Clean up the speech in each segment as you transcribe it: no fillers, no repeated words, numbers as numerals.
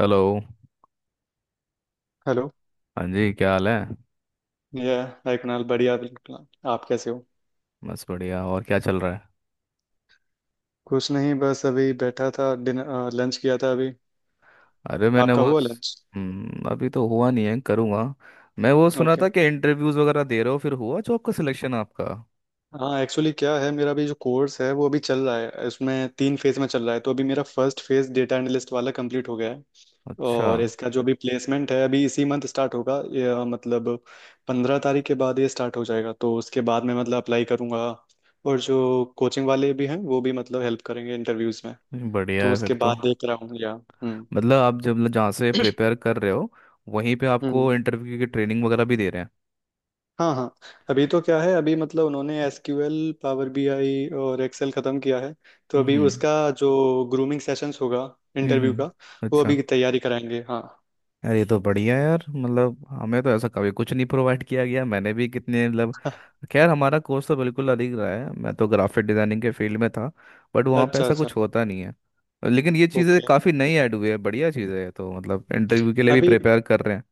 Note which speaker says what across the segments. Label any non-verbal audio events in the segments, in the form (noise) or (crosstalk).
Speaker 1: Hello.
Speaker 2: Hello.
Speaker 1: हाँ जी, क्या हाल है।
Speaker 2: ये हाय कुणाल, बढ़िया, बिल्कुल। आप कैसे हो?
Speaker 1: बस बढ़िया। और क्या चल रहा है।
Speaker 2: कुछ नहीं, बस अभी बैठा था, डिनर लंच किया था अभी।
Speaker 1: अरे मैंने
Speaker 2: आपका हुआ
Speaker 1: बस।
Speaker 2: लंच?
Speaker 1: हम्म, अभी तो हुआ नहीं है, करूँगा। मैं वो सुना
Speaker 2: ओके।
Speaker 1: था कि इंटरव्यूज़ वगैरह दे रहे हो, फिर हुआ जॉब का सिलेक्शन आपका।
Speaker 2: हाँ, एक्चुअली क्या है, मेरा अभी जो कोर्स है वो अभी चल रहा है, उसमें तीन फेज में चल रहा है। तो अभी मेरा फर्स्ट फेज डेटा एनालिस्ट वाला कंप्लीट हो गया है।
Speaker 1: अच्छा।
Speaker 2: और इसका जो अभी प्लेसमेंट है, अभी इसी मंथ स्टार्ट होगा ये, मतलब 15 तारीख के बाद ये स्टार्ट हो जाएगा। तो उसके बाद मैं मतलब अप्लाई करूँगा। और जो कोचिंग वाले भी हैं वो भी मतलब हेल्प करेंगे इंटरव्यूज में।
Speaker 1: बढ़िया
Speaker 2: तो
Speaker 1: है
Speaker 2: उसके
Speaker 1: फिर तो।
Speaker 2: बाद देख रहा हूँ या। हम्म।
Speaker 1: मतलब आप जब जहाँ से प्रिपेयर कर रहे हो, वहीं पे
Speaker 2: हम्म।
Speaker 1: आपको इंटरव्यू की ट्रेनिंग वगैरह भी दे रहे हैं।
Speaker 2: हाँ हाँ। अभी तो क्या है, अभी मतलब उन्होंने एसक्यूएल, पावर बीआई और एक्सेल खत्म किया है। तो अभी
Speaker 1: हम्म,
Speaker 2: उसका जो ग्रूमिंग सेशंस होगा
Speaker 1: हम्म,
Speaker 2: इंटरव्यू का, वो
Speaker 1: अच्छा।
Speaker 2: अभी तैयारी कराएंगे। हाँ।
Speaker 1: यार ये तो बढ़िया है यार, मतलब हमें तो ऐसा कभी कुछ नहीं प्रोवाइड किया गया, मैंने भी कितने मतलब।
Speaker 2: (laughs)
Speaker 1: खैर हमारा कोर्स तो बिल्कुल अलग रहा है, मैं तो ग्राफिक डिज़ाइनिंग के फील्ड में था। बट वहाँ पे
Speaker 2: अच्छा
Speaker 1: ऐसा
Speaker 2: अच्छा।
Speaker 1: कुछ होता नहीं है। लेकिन ये चीज़ें
Speaker 2: ओके।
Speaker 1: काफ़ी नई ऐड हुई है, बढ़िया चीज़ें है, तो मतलब इंटरव्यू के लिए भी
Speaker 2: अभी
Speaker 1: प्रिपेयर कर रहे हैं।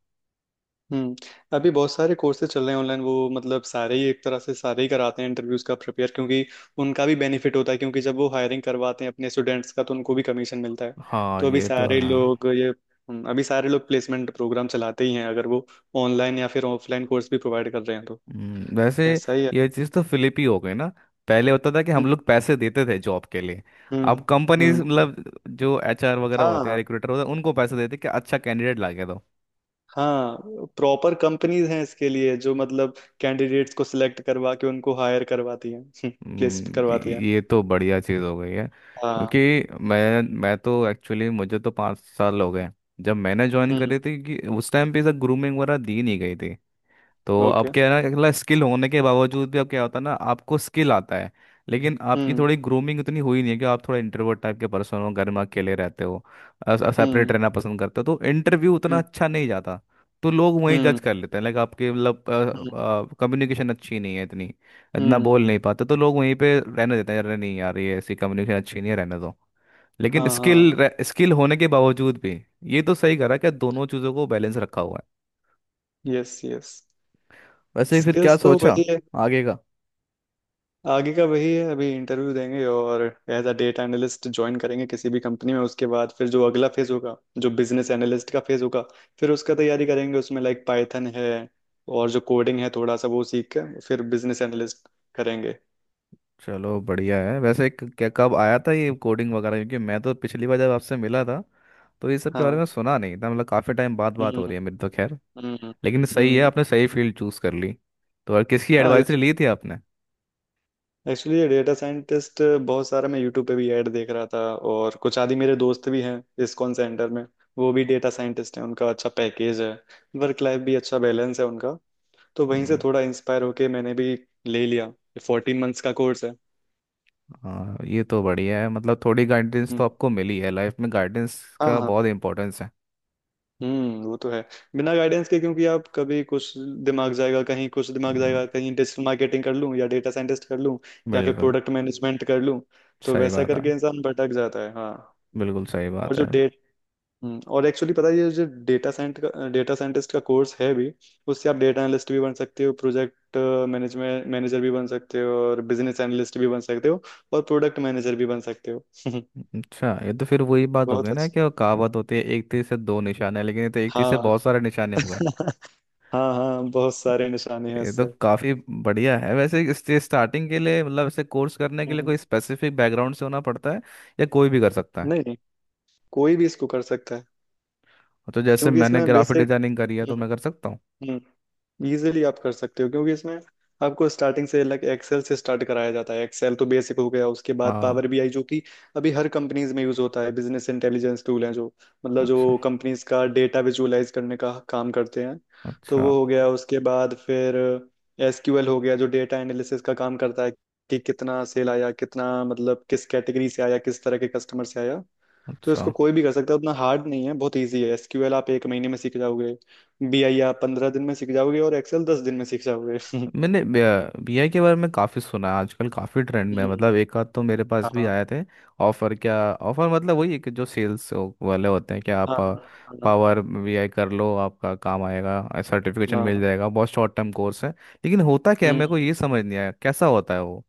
Speaker 2: हम्म अभी बहुत सारे कोर्सेज चल रहे हैं ऑनलाइन। वो मतलब सारे ही, एक तरह से सारे ही कराते हैं इंटरव्यूज का प्रिपेयर, क्योंकि उनका भी बेनिफिट होता है, क्योंकि जब वो हायरिंग करवाते हैं अपने स्टूडेंट्स का तो उनको भी कमीशन मिलता है।
Speaker 1: हाँ,
Speaker 2: तो अभी
Speaker 1: ये तो
Speaker 2: सारे
Speaker 1: है।
Speaker 2: लोग ये अभी सारे लोग प्लेसमेंट प्रोग्राम चलाते ही हैं, अगर वो ऑनलाइन या फिर ऑफलाइन कोर्स भी प्रोवाइड कर रहे हैं तो।
Speaker 1: वैसे
Speaker 2: ऐसा ही है।
Speaker 1: ये चीज़ तो फिलिप ही हो गई ना। पहले होता था कि हम
Speaker 2: हम्म।
Speaker 1: लोग पैसे देते थे जॉब के लिए।
Speaker 2: हम्म।
Speaker 1: अब कंपनीज
Speaker 2: हम्म।
Speaker 1: मतलब जो एचआर वगैरह होते हैं,
Speaker 2: हाँ
Speaker 1: रिक्रूटर होते हैं, उनको पैसे देते हैं कि अच्छा कैंडिडेट ला के दो।
Speaker 2: हाँ। प्रॉपर कंपनीज हैं इसके लिए, जो मतलब कैंडिडेट्स को सिलेक्ट करवा के उनको हायर करवाती हैं, (laughs) प्लेस
Speaker 1: हम्म,
Speaker 2: करवाती हैं।
Speaker 1: ये तो बढ़िया चीज़ हो गई है, क्योंकि
Speaker 2: हाँ।
Speaker 1: मैं तो एक्चुअली, मुझे तो 5 साल हो गए जब मैंने ज्वाइन
Speaker 2: हम्म।
Speaker 1: करी थी, कि उस टाइम पे ऐसा ग्रूमिंग वगैरह दी नहीं गई थी। तो अब
Speaker 2: ओके।
Speaker 1: क्या है ना, अगला स्किल होने के बावजूद भी अब क्या होता है ना, आपको स्किल आता है, लेकिन आपकी
Speaker 2: हम्म।
Speaker 1: थोड़ी ग्रूमिंग उतनी हुई नहीं है। कि आप थोड़ा इंट्रोवर्ट टाइप के पर्सन हो, घर में अकेले रहते हो, सेपरेट
Speaker 2: हम्म।
Speaker 1: रहना पसंद करते हो, तो इंटरव्यू उतना
Speaker 2: हम्म।
Speaker 1: अच्छा नहीं जाता। तो लोग वहीं
Speaker 2: हम्म।
Speaker 1: जज कर लेते हैं, लाइक आपके मतलब
Speaker 2: हम्म।
Speaker 1: कम्युनिकेशन अच्छी नहीं है इतनी, इतना
Speaker 2: हम्म।
Speaker 1: बोल नहीं पाते, तो लोग वहीं पे रहने देते हैं, अरे नहीं यार, ये ऐसी कम्युनिकेशन अच्छी नहीं है, रहने दो। लेकिन
Speaker 2: हाँ हाँ।
Speaker 1: स्किल, स्किल होने के बावजूद भी ये तो सही करा कि दोनों चीज़ों को बैलेंस रखा हुआ है।
Speaker 2: Yes yes.
Speaker 1: वैसे फिर क्या
Speaker 2: स्किल्स तो
Speaker 1: सोचा
Speaker 2: वही है।
Speaker 1: आगे का।
Speaker 2: आगे का वही है, अभी इंटरव्यू देंगे और एज अ डेटा एनालिस्ट ज्वाइन करेंगे किसी भी कंपनी में। उसके बाद फिर जो अगला फेज होगा, जो बिजनेस एनालिस्ट का फेज होगा, फिर उसका तैयारी करेंगे। उसमें लाइक पाइथन है, और जो कोडिंग है थोड़ा सा, वो सीख कर फिर बिजनेस एनालिस्ट करेंगे।
Speaker 1: चलो बढ़िया है। वैसे क्या, कब आया था ये कोडिंग वगैरह, क्योंकि मैं तो पिछली बार जब आपसे मिला था तो ये सब के बारे में
Speaker 2: हाँ।
Speaker 1: सुना नहीं था, मतलब काफ़ी टाइम बाद बात
Speaker 2: हम्म।
Speaker 1: हो रही है मेरी तो, खैर।
Speaker 2: हम्म।
Speaker 1: लेकिन सही है,
Speaker 2: हम्म।
Speaker 1: आपने सही फील्ड चूज़ कर ली। तो और किसकी
Speaker 2: हाँ,
Speaker 1: एडवाइसरी ली थी आपने।
Speaker 2: एक्चुअली ये डेटा साइंटिस्ट, बहुत सारा मैं यूट्यूब पे भी ऐड देख रहा था। और कुछ आदि मेरे दोस्त भी हैं इस्कॉन सेंटर में, वो भी डेटा साइंटिस्ट हैं, उनका अच्छा पैकेज है, वर्क लाइफ भी अच्छा बैलेंस है उनका। तो वहीं से
Speaker 1: हम्म,
Speaker 2: थोड़ा इंस्पायर होके मैंने भी ले लिया। 14 मंथ्स का कोर्स है।
Speaker 1: हाँ ये तो बढ़िया है, मतलब थोड़ी गाइडेंस
Speaker 2: हम्म।
Speaker 1: तो आपको मिली है, लाइफ में गाइडेंस
Speaker 2: हाँ
Speaker 1: का
Speaker 2: हाँ।
Speaker 1: बहुत इंपॉर्टेंस है।
Speaker 2: हम्म, वो तो है। बिना गाइडेंस के, क्योंकि आप कभी कुछ, दिमाग जाएगा कहीं, कुछ दिमाग
Speaker 1: हम्म,
Speaker 2: जाएगा कहीं, डिजिटल मार्केटिंग कर लूँ या डेटा साइंटिस्ट कर लूँ या फिर
Speaker 1: बिल्कुल
Speaker 2: प्रोडक्ट मैनेजमेंट कर लूँ। तो
Speaker 1: सही
Speaker 2: वैसा
Speaker 1: बात है।
Speaker 2: करके इंसान भटक जाता है। हाँ।
Speaker 1: बिल्कुल सही
Speaker 2: और
Speaker 1: बात
Speaker 2: जो,
Speaker 1: है।
Speaker 2: और एक्चुअली पता है, ये जो डेटा साइंटिस्ट का कोर्स है भी, उससे आप डेटा एनालिस्ट भी बन सकते हो, प्रोजेक्ट मैनेजमेंट मैनेजर भी बन सकते हो, और बिजनेस एनालिस्ट भी बन सकते हो, और प्रोडक्ट मैनेजर भी बन सकते हो। (laughs)
Speaker 1: अच्छा, ये तो फिर वही बात हो
Speaker 2: बहुत
Speaker 1: गई ना,
Speaker 2: अच्छा।
Speaker 1: कि वो कहावत होती है एक तीर से दो निशाने, लेकिन ये तो एक तीर से
Speaker 2: हाँ।
Speaker 1: बहुत सारे निशाने हो गए।
Speaker 2: (laughs) हाँ हाँ, बहुत सारे निशाने हैं
Speaker 1: ये तो
Speaker 2: इससे।
Speaker 1: काफी बढ़िया है। वैसे इससे स्टार्टिंग के लिए मतलब ऐसे कोर्स करने के लिए
Speaker 2: हम्म।
Speaker 1: कोई स्पेसिफिक बैकग्राउंड से होना पड़ता है, या कोई भी कर सकता है।
Speaker 2: नहीं नहीं, कोई भी इसको कर सकता है,
Speaker 1: तो जैसे
Speaker 2: क्योंकि
Speaker 1: मैंने
Speaker 2: इसमें
Speaker 1: ग्राफिक
Speaker 2: बेसिक,
Speaker 1: डिजाइनिंग करी है, तो मैं कर सकता हूँ।
Speaker 2: इजीली आप कर सकते हो, क्योंकि इसमें आपको स्टार्टिंग से लाइक एक्सेल से स्टार्ट कराया जाता है। एक्सेल तो बेसिक हो गया, उसके बाद
Speaker 1: हाँ।
Speaker 2: पावर बीआई, जो कि अभी हर कंपनीज में यूज होता है, बिजनेस इंटेलिजेंस टूल है, जो मतलब
Speaker 1: अच्छा।
Speaker 2: जो कंपनीज का डेटा विजुअलाइज करने का काम करते हैं। तो
Speaker 1: अच्छा।
Speaker 2: वो हो गया। उसके बाद फिर एसक्यूएल हो गया, जो डेटा एनालिसिस का काम करता है, कि कितना सेल आया, कितना मतलब किस कैटेगरी से आया, किस तरह के कस्टमर से आया। तो
Speaker 1: अच्छा,
Speaker 2: इसको कोई भी कर सकता है, उतना हार्ड नहीं है, बहुत इजी है। एसक्यूएल आप एक महीने में सीख जाओगे, बीआई आप 15 दिन में सीख जाओगे, और एक्सेल 10 दिन में सीख जाओगे। (laughs)
Speaker 1: मैंने बीआई के बारे में काफ़ी सुना है, आजकल काफ़ी ट्रेंड में है।
Speaker 2: हम्म।
Speaker 1: मतलब एक आध तो मेरे पास भी
Speaker 2: हाँ
Speaker 1: आए थे। ऑफ़र, क्या ऑफ़र, मतलब वही है कि जो सेल्स वाले होते हैं कि आप
Speaker 2: हाँ। हाँ
Speaker 1: पावर बीआई कर लो, आपका काम आएगा, सर्टिफिकेशन मिल
Speaker 2: हाँ।
Speaker 1: जाएगा, बहुत शॉर्ट टर्म कोर्स है। लेकिन होता क्या है, मेरे को
Speaker 2: हम्म,
Speaker 1: ये समझ नहीं आया कैसा होता है वो।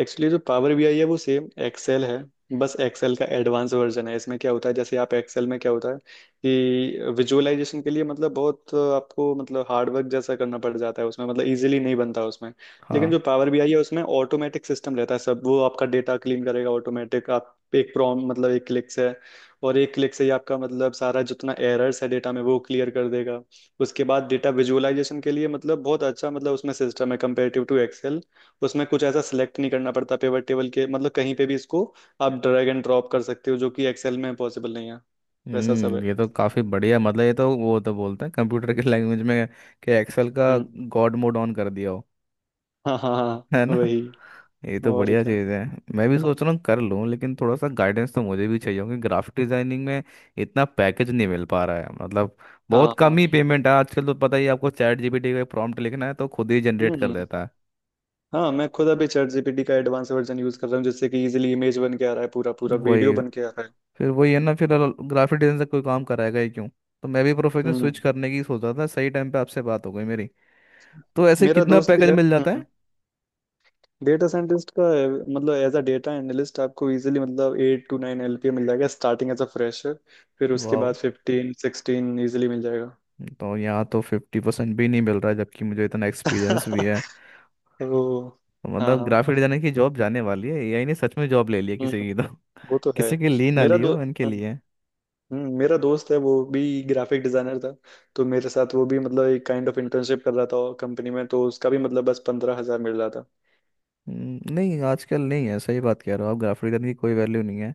Speaker 2: एक्चुअली जो पावर बी आई है, वो सेम एक्सेल है, बस एक्सेल का एडवांस वर्जन है। इसमें क्या होता है, जैसे आप एक्सेल में, क्या होता है कि विजुअलाइजेशन के लिए मतलब बहुत आपको मतलब हार्ड वर्क जैसा करना पड़ जाता है उसमें, मतलब इजीली नहीं बनता उसमें। लेकिन
Speaker 1: हाँ।
Speaker 2: जो पावर बी आई है, उसमें ऑटोमेटिक सिस्टम रहता है सब। वो आपका डेटा क्लीन करेगा ऑटोमेटिक, आप एक प्रॉम मतलब एक क्लिक से, और एक क्लिक से ही आपका मतलब सारा जितना एरर्स है डेटा में वो क्लियर कर देगा। उसके बाद डेटा विजुअलाइजेशन के लिए मतलब बहुत अच्छा, मतलब उसमें सिस्टम है कंपेरेटिव टू एक्सेल। तो उसमें कुछ ऐसा सिलेक्ट नहीं करना पड़ता पिवट टेबल के, मतलब कहीं पे भी इसको आप ड्रैग एंड ड्रॉप कर सकते हो, जो कि एक्सेल में पॉसिबल नहीं है। वैसा सब
Speaker 1: हम्म,
Speaker 2: है।
Speaker 1: ये तो काफ़ी बढ़िया, मतलब ये तो, वो तो बोलते हैं
Speaker 2: हम्म।
Speaker 1: कंप्यूटर के लैंग्वेज में, कि एक्सेल का
Speaker 2: हम्म,
Speaker 1: गॉड मोड ऑन कर दिया हो,
Speaker 2: हाँ हाँ
Speaker 1: है
Speaker 2: हाँ,
Speaker 1: ना।
Speaker 2: वही।
Speaker 1: ये तो
Speaker 2: और
Speaker 1: बढ़िया
Speaker 2: क्या।
Speaker 1: चीज़ है। मैं भी सोच रहा हूँ कर लूँ, लेकिन थोड़ा सा गाइडेंस तो मुझे भी चाहिए, क्योंकि ग्राफिक डिजाइनिंग में इतना पैकेज नहीं मिल पा रहा है मतलब, बहुत
Speaker 2: हाँ
Speaker 1: कम
Speaker 2: हाँ।
Speaker 1: ही पेमेंट है। आजकल तो पता ही है आपको, चैट जीपीटी का प्रॉम्प्ट लिखना है तो खुद ही जनरेट कर
Speaker 2: हम्म।
Speaker 1: देता है।
Speaker 2: हाँ, मैं खुद अभी चैट जीपीटी का एडवांस वर्जन यूज कर रहा हूँ, जिससे कि इजीली इमेज बन के आ रहा है, पूरा पूरा वीडियो
Speaker 1: वही,
Speaker 2: बन के आ रहा है।
Speaker 1: फिर वही है ना फिर, ग्राफिक डिजाइन से कोई काम कराएगा ही क्यों। तो मैं भी प्रोफेशन
Speaker 2: हम्म।
Speaker 1: स्विच करने की सोच रहा था, सही टाइम पे आपसे बात हो गई मेरी। तो ऐसे
Speaker 2: मेरा
Speaker 1: कितना
Speaker 2: दोस्त भी
Speaker 1: पैकेज
Speaker 2: है।
Speaker 1: मिल जाता है।
Speaker 2: हम्म। डेटा साइंटिस्ट का है, मतलब एज अ डेटा एनालिस्ट आपको इजीली मतलब 8-9 LPA मिल जाएगा स्टार्टिंग, एज अ फ्रेशर। फिर उसके
Speaker 1: वाह,
Speaker 2: बाद 15-16 इजीली मिल जाएगा।
Speaker 1: तो यहाँ तो 50% भी नहीं मिल रहा है, जबकि मुझे इतना एक्सपीरियंस भी है।
Speaker 2: (laughs) वो। हाँ
Speaker 1: मतलब
Speaker 2: हाँ।
Speaker 1: ग्राफिक डिजाइनर की जॉब जाने वाली है, एआई ने सच में जॉब ले ली है
Speaker 2: हम्म,
Speaker 1: किसी की तो।
Speaker 2: वो तो है।
Speaker 1: किसी की ली ना
Speaker 2: मेरा
Speaker 1: ली
Speaker 2: दो
Speaker 1: हो, इनके
Speaker 2: हाँ,
Speaker 1: लिए।
Speaker 2: मेरा दोस्त है, वो भी ग्राफिक डिजाइनर था। तो मेरे साथ वो भी मतलब एक काइंड ऑफ इंटर्नशिप कर रहा था कंपनी में, तो उसका भी मतलब बस 15,000 मिल रहा था।
Speaker 1: नहीं आजकल नहीं है, सही बात कह रहे हो आप, ग्राफिक डिजाइनर की कोई वैल्यू नहीं है,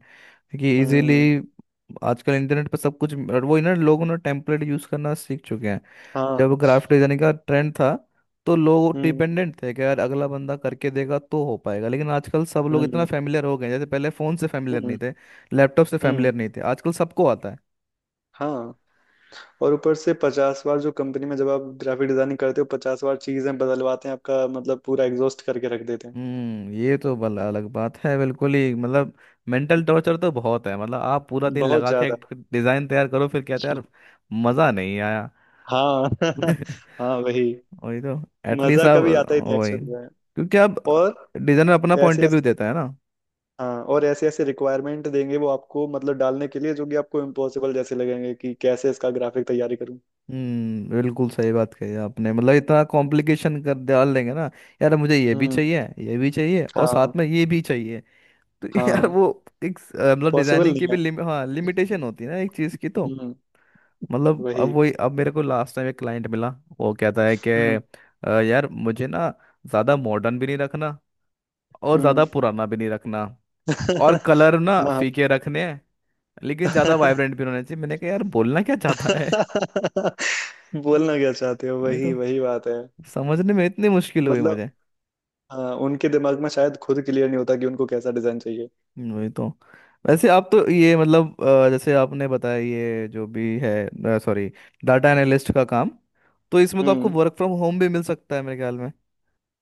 Speaker 1: क्योंकि इजीली
Speaker 2: हम्म।
Speaker 1: आजकल इंटरनेट पर सब कुछ, और वो ना लोगों ने टेम्पलेट यूज करना सीख चुके हैं। जब
Speaker 2: हाँ।
Speaker 1: ग्राफिक डिजाइनिंग का ट्रेंड था तो लोग
Speaker 2: हम्म।
Speaker 1: डिपेंडेंट थे कि यार अगला बंदा करके देगा तो हो पाएगा, लेकिन आजकल सब लोग इतना
Speaker 2: हम्म।
Speaker 1: फैमिलियर हो गए हैं, जैसे पहले फोन से फैमिलियर नहीं
Speaker 2: हम्म।
Speaker 1: थे, लैपटॉप से फैमिलियर
Speaker 2: हम्म,
Speaker 1: नहीं थे, आजकल सबको आता है।
Speaker 2: हाँ, और ऊपर से 50 बार, जो कंपनी में जब आप ग्राफिक डिजाइनिंग करते हो, 50 बार चीजें बदलवाते हैं आपका मतलब, पूरा एग्जॉस्ट करके रख देते हैं।
Speaker 1: हम्म, ये तो बल अलग बात है बिल्कुल ही, मतलब मेंटल टॉर्चर तो बहुत है, मतलब आप पूरा दिन
Speaker 2: बहुत
Speaker 1: लगा के
Speaker 2: ज्यादा।
Speaker 1: एक डिजाइन तैयार करो, फिर कहते हैं यार मजा नहीं आया।
Speaker 2: हाँ। (laughs)
Speaker 1: (laughs)
Speaker 2: हाँ, वही।
Speaker 1: वही तो, एटलीस्ट
Speaker 2: मजा
Speaker 1: आप,
Speaker 2: कभी आता ही नहीं
Speaker 1: वही
Speaker 2: एक्चुअली में।
Speaker 1: क्योंकि आप
Speaker 2: और
Speaker 1: डिजाइनर अपना पॉइंट
Speaker 2: ऐसे
Speaker 1: ऑफ व्यू
Speaker 2: ऐसे।
Speaker 1: देता है ना।
Speaker 2: हाँ, और ऐसे ऐसे रिक्वायरमेंट देंगे वो आपको, मतलब डालने के लिए, जो कि आपको इम्पॉसिबल जैसे लगेंगे कि कैसे इसका ग्राफिक तैयारी करूं।
Speaker 1: हम्म, बिल्कुल सही बात कही आपने, मतलब इतना कॉम्प्लिकेशन कर डाल देंगे ना, यार मुझे ये भी
Speaker 2: हम्म।
Speaker 1: चाहिए, ये भी चाहिए, और
Speaker 2: हाँ
Speaker 1: साथ में ये भी चाहिए। तो (laughs) यार
Speaker 2: हाँ।
Speaker 1: वो, एक मतलब
Speaker 2: पॉसिबल
Speaker 1: डिजाइनिंग की
Speaker 2: नहीं
Speaker 1: भी
Speaker 2: है।
Speaker 1: हाँ लिमिटेशन होती है ना एक चीज की तो।
Speaker 2: हम्म,
Speaker 1: मतलब अब
Speaker 2: वही।
Speaker 1: वही, अब मेरे को लास्ट टाइम एक क्लाइंट मिला, वो कहता है कि
Speaker 2: हम्म।
Speaker 1: यार मुझे ना, ज़्यादा मॉडर्न भी नहीं रखना और
Speaker 2: हम्म।
Speaker 1: ज़्यादा पुराना भी नहीं रखना, और
Speaker 2: (laughs)
Speaker 1: कलर ना
Speaker 2: हाँ।
Speaker 1: फीके रखने हैं, लेकिन ज़्यादा वाइब्रेंट
Speaker 2: (laughs)
Speaker 1: भी होने चाहिए।" मैंने कहा यार बोलना क्या चाहता है।
Speaker 2: बोलना क्या चाहते हो,
Speaker 1: (laughs) वही
Speaker 2: वही
Speaker 1: तो,
Speaker 2: वही बात है।
Speaker 1: समझने में इतनी मुश्किल हुई
Speaker 2: मतलब
Speaker 1: मुझे।
Speaker 2: हाँ, उनके दिमाग में शायद खुद क्लियर नहीं होता कि उनको कैसा डिजाइन चाहिए।
Speaker 1: वही तो। वैसे आप तो ये मतलब जैसे आपने बताया ये जो भी है, सॉरी, डाटा एनालिस्ट का काम, तो इसमें तो आपको
Speaker 2: हम्म।
Speaker 1: वर्क फ्रॉम होम भी मिल सकता है मेरे ख्याल में।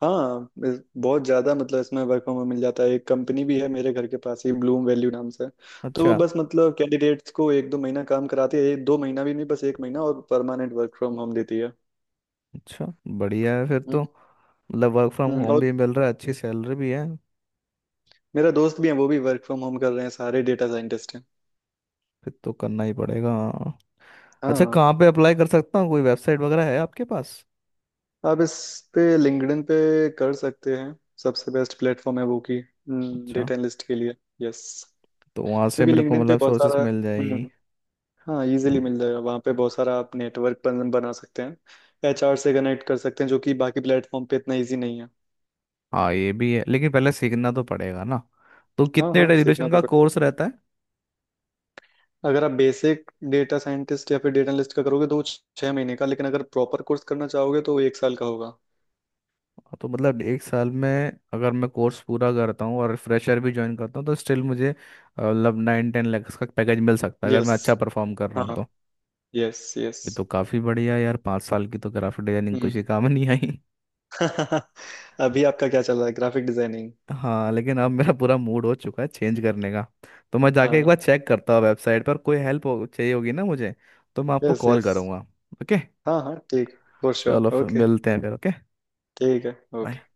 Speaker 2: हाँ, बहुत ज़्यादा, मतलब इसमें वर्क फ्रॉम होम मिल जाता है। एक कंपनी भी है मेरे घर के पास ही, ब्लूम वैल्यू नाम से। तो वो
Speaker 1: अच्छा।
Speaker 2: बस मतलब कैंडिडेट्स को एक दो महीना काम कराती है, एक दो महीना भी नहीं, बस एक महीना, और परमानेंट वर्क फ्रॉम होम देती है।
Speaker 1: अच्छा, बढ़िया है फिर
Speaker 2: हम्म,
Speaker 1: तो, मतलब वर्क फ्रॉम होम
Speaker 2: और
Speaker 1: भी मिल रहा है, अच्छी सैलरी भी है।
Speaker 2: मेरा दोस्त भी है, वो भी वर्क फ्रॉम होम कर रहे हैं, सारे डेटा साइंटिस्ट हैं।
Speaker 1: फिर तो करना ही पड़ेगा। अच्छा,
Speaker 2: हाँ।
Speaker 1: कहाँ पे अप्लाई कर सकता हूँ, कोई वेबसाइट वगैरह है आपके पास।
Speaker 2: आप इस पे, लिंक्डइन पे कर सकते हैं, सबसे बेस्ट प्लेटफॉर्म है वो की,
Speaker 1: अच्छा,
Speaker 2: डेटा एनालिस्ट के लिए। यस।
Speaker 1: तो वहाँ से
Speaker 2: क्योंकि
Speaker 1: मेरे को
Speaker 2: लिंक्डइन पे
Speaker 1: मतलब
Speaker 2: बहुत
Speaker 1: सोर्सेस
Speaker 2: सारा,
Speaker 1: मिल जाएगी।
Speaker 2: हम्म, हाँ इजीली मिल जाएगा, वहाँ पे बहुत सारा आप नेटवर्क बना सकते हैं, एचआर से कनेक्ट कर सकते हैं, जो कि बाकी प्लेटफॉर्म पे इतना इजी नहीं है।
Speaker 1: हाँ ये भी है, लेकिन पहले सीखना तो पड़ेगा ना। तो
Speaker 2: हाँ
Speaker 1: कितने
Speaker 2: हाँ, सीखना
Speaker 1: ड्यूरेशन
Speaker 2: तो
Speaker 1: का
Speaker 2: पड़ेगा।
Speaker 1: कोर्स रहता है।
Speaker 2: अगर आप बेसिक डेटा साइंटिस्ट या फिर डेटा एनालिस्ट का करोगे तो वो 6 महीने का, लेकिन अगर प्रॉपर कोर्स करना चाहोगे तो वो एक साल का होगा।
Speaker 1: हाँ, तो मतलब एक साल में अगर मैं कोर्स पूरा करता हूँ और फ्रेशर भी ज्वाइन करता हूँ, तो स्टिल मुझे मतलब 9-10 लैक्स का पैकेज मिल सकता है, अगर मैं
Speaker 2: यस।
Speaker 1: अच्छा परफॉर्म कर रहा हूँ
Speaker 2: हाँ।
Speaker 1: तो।
Speaker 2: Yes yes.
Speaker 1: ये तो काफी बढ़िया यार, 5 साल की तो ग्राफिक डिजाइनिंग कुछ ही
Speaker 2: हम्म।
Speaker 1: काम नहीं आई।
Speaker 2: (laughs) अभी आपका क्या चल रहा है, ग्राफिक डिजाइनिंग?
Speaker 1: हाँ, लेकिन अब मेरा पूरा मूड हो चुका है चेंज करने का, तो मैं जाके एक बार
Speaker 2: हाँ।
Speaker 1: चेक करता हूँ वेबसाइट पर। कोई हेल्प हो, चाहिए होगी ना मुझे, तो मैं आपको
Speaker 2: यस
Speaker 1: कॉल
Speaker 2: यस।
Speaker 1: करूँगा। ओके।
Speaker 2: हाँ हाँ ठीक, फॉर
Speaker 1: चलो
Speaker 2: श्योर।
Speaker 1: फिर
Speaker 2: ओके।
Speaker 1: मिलते हैं फिर, ओके,
Speaker 2: ठीक है।
Speaker 1: बाय।
Speaker 2: ओके।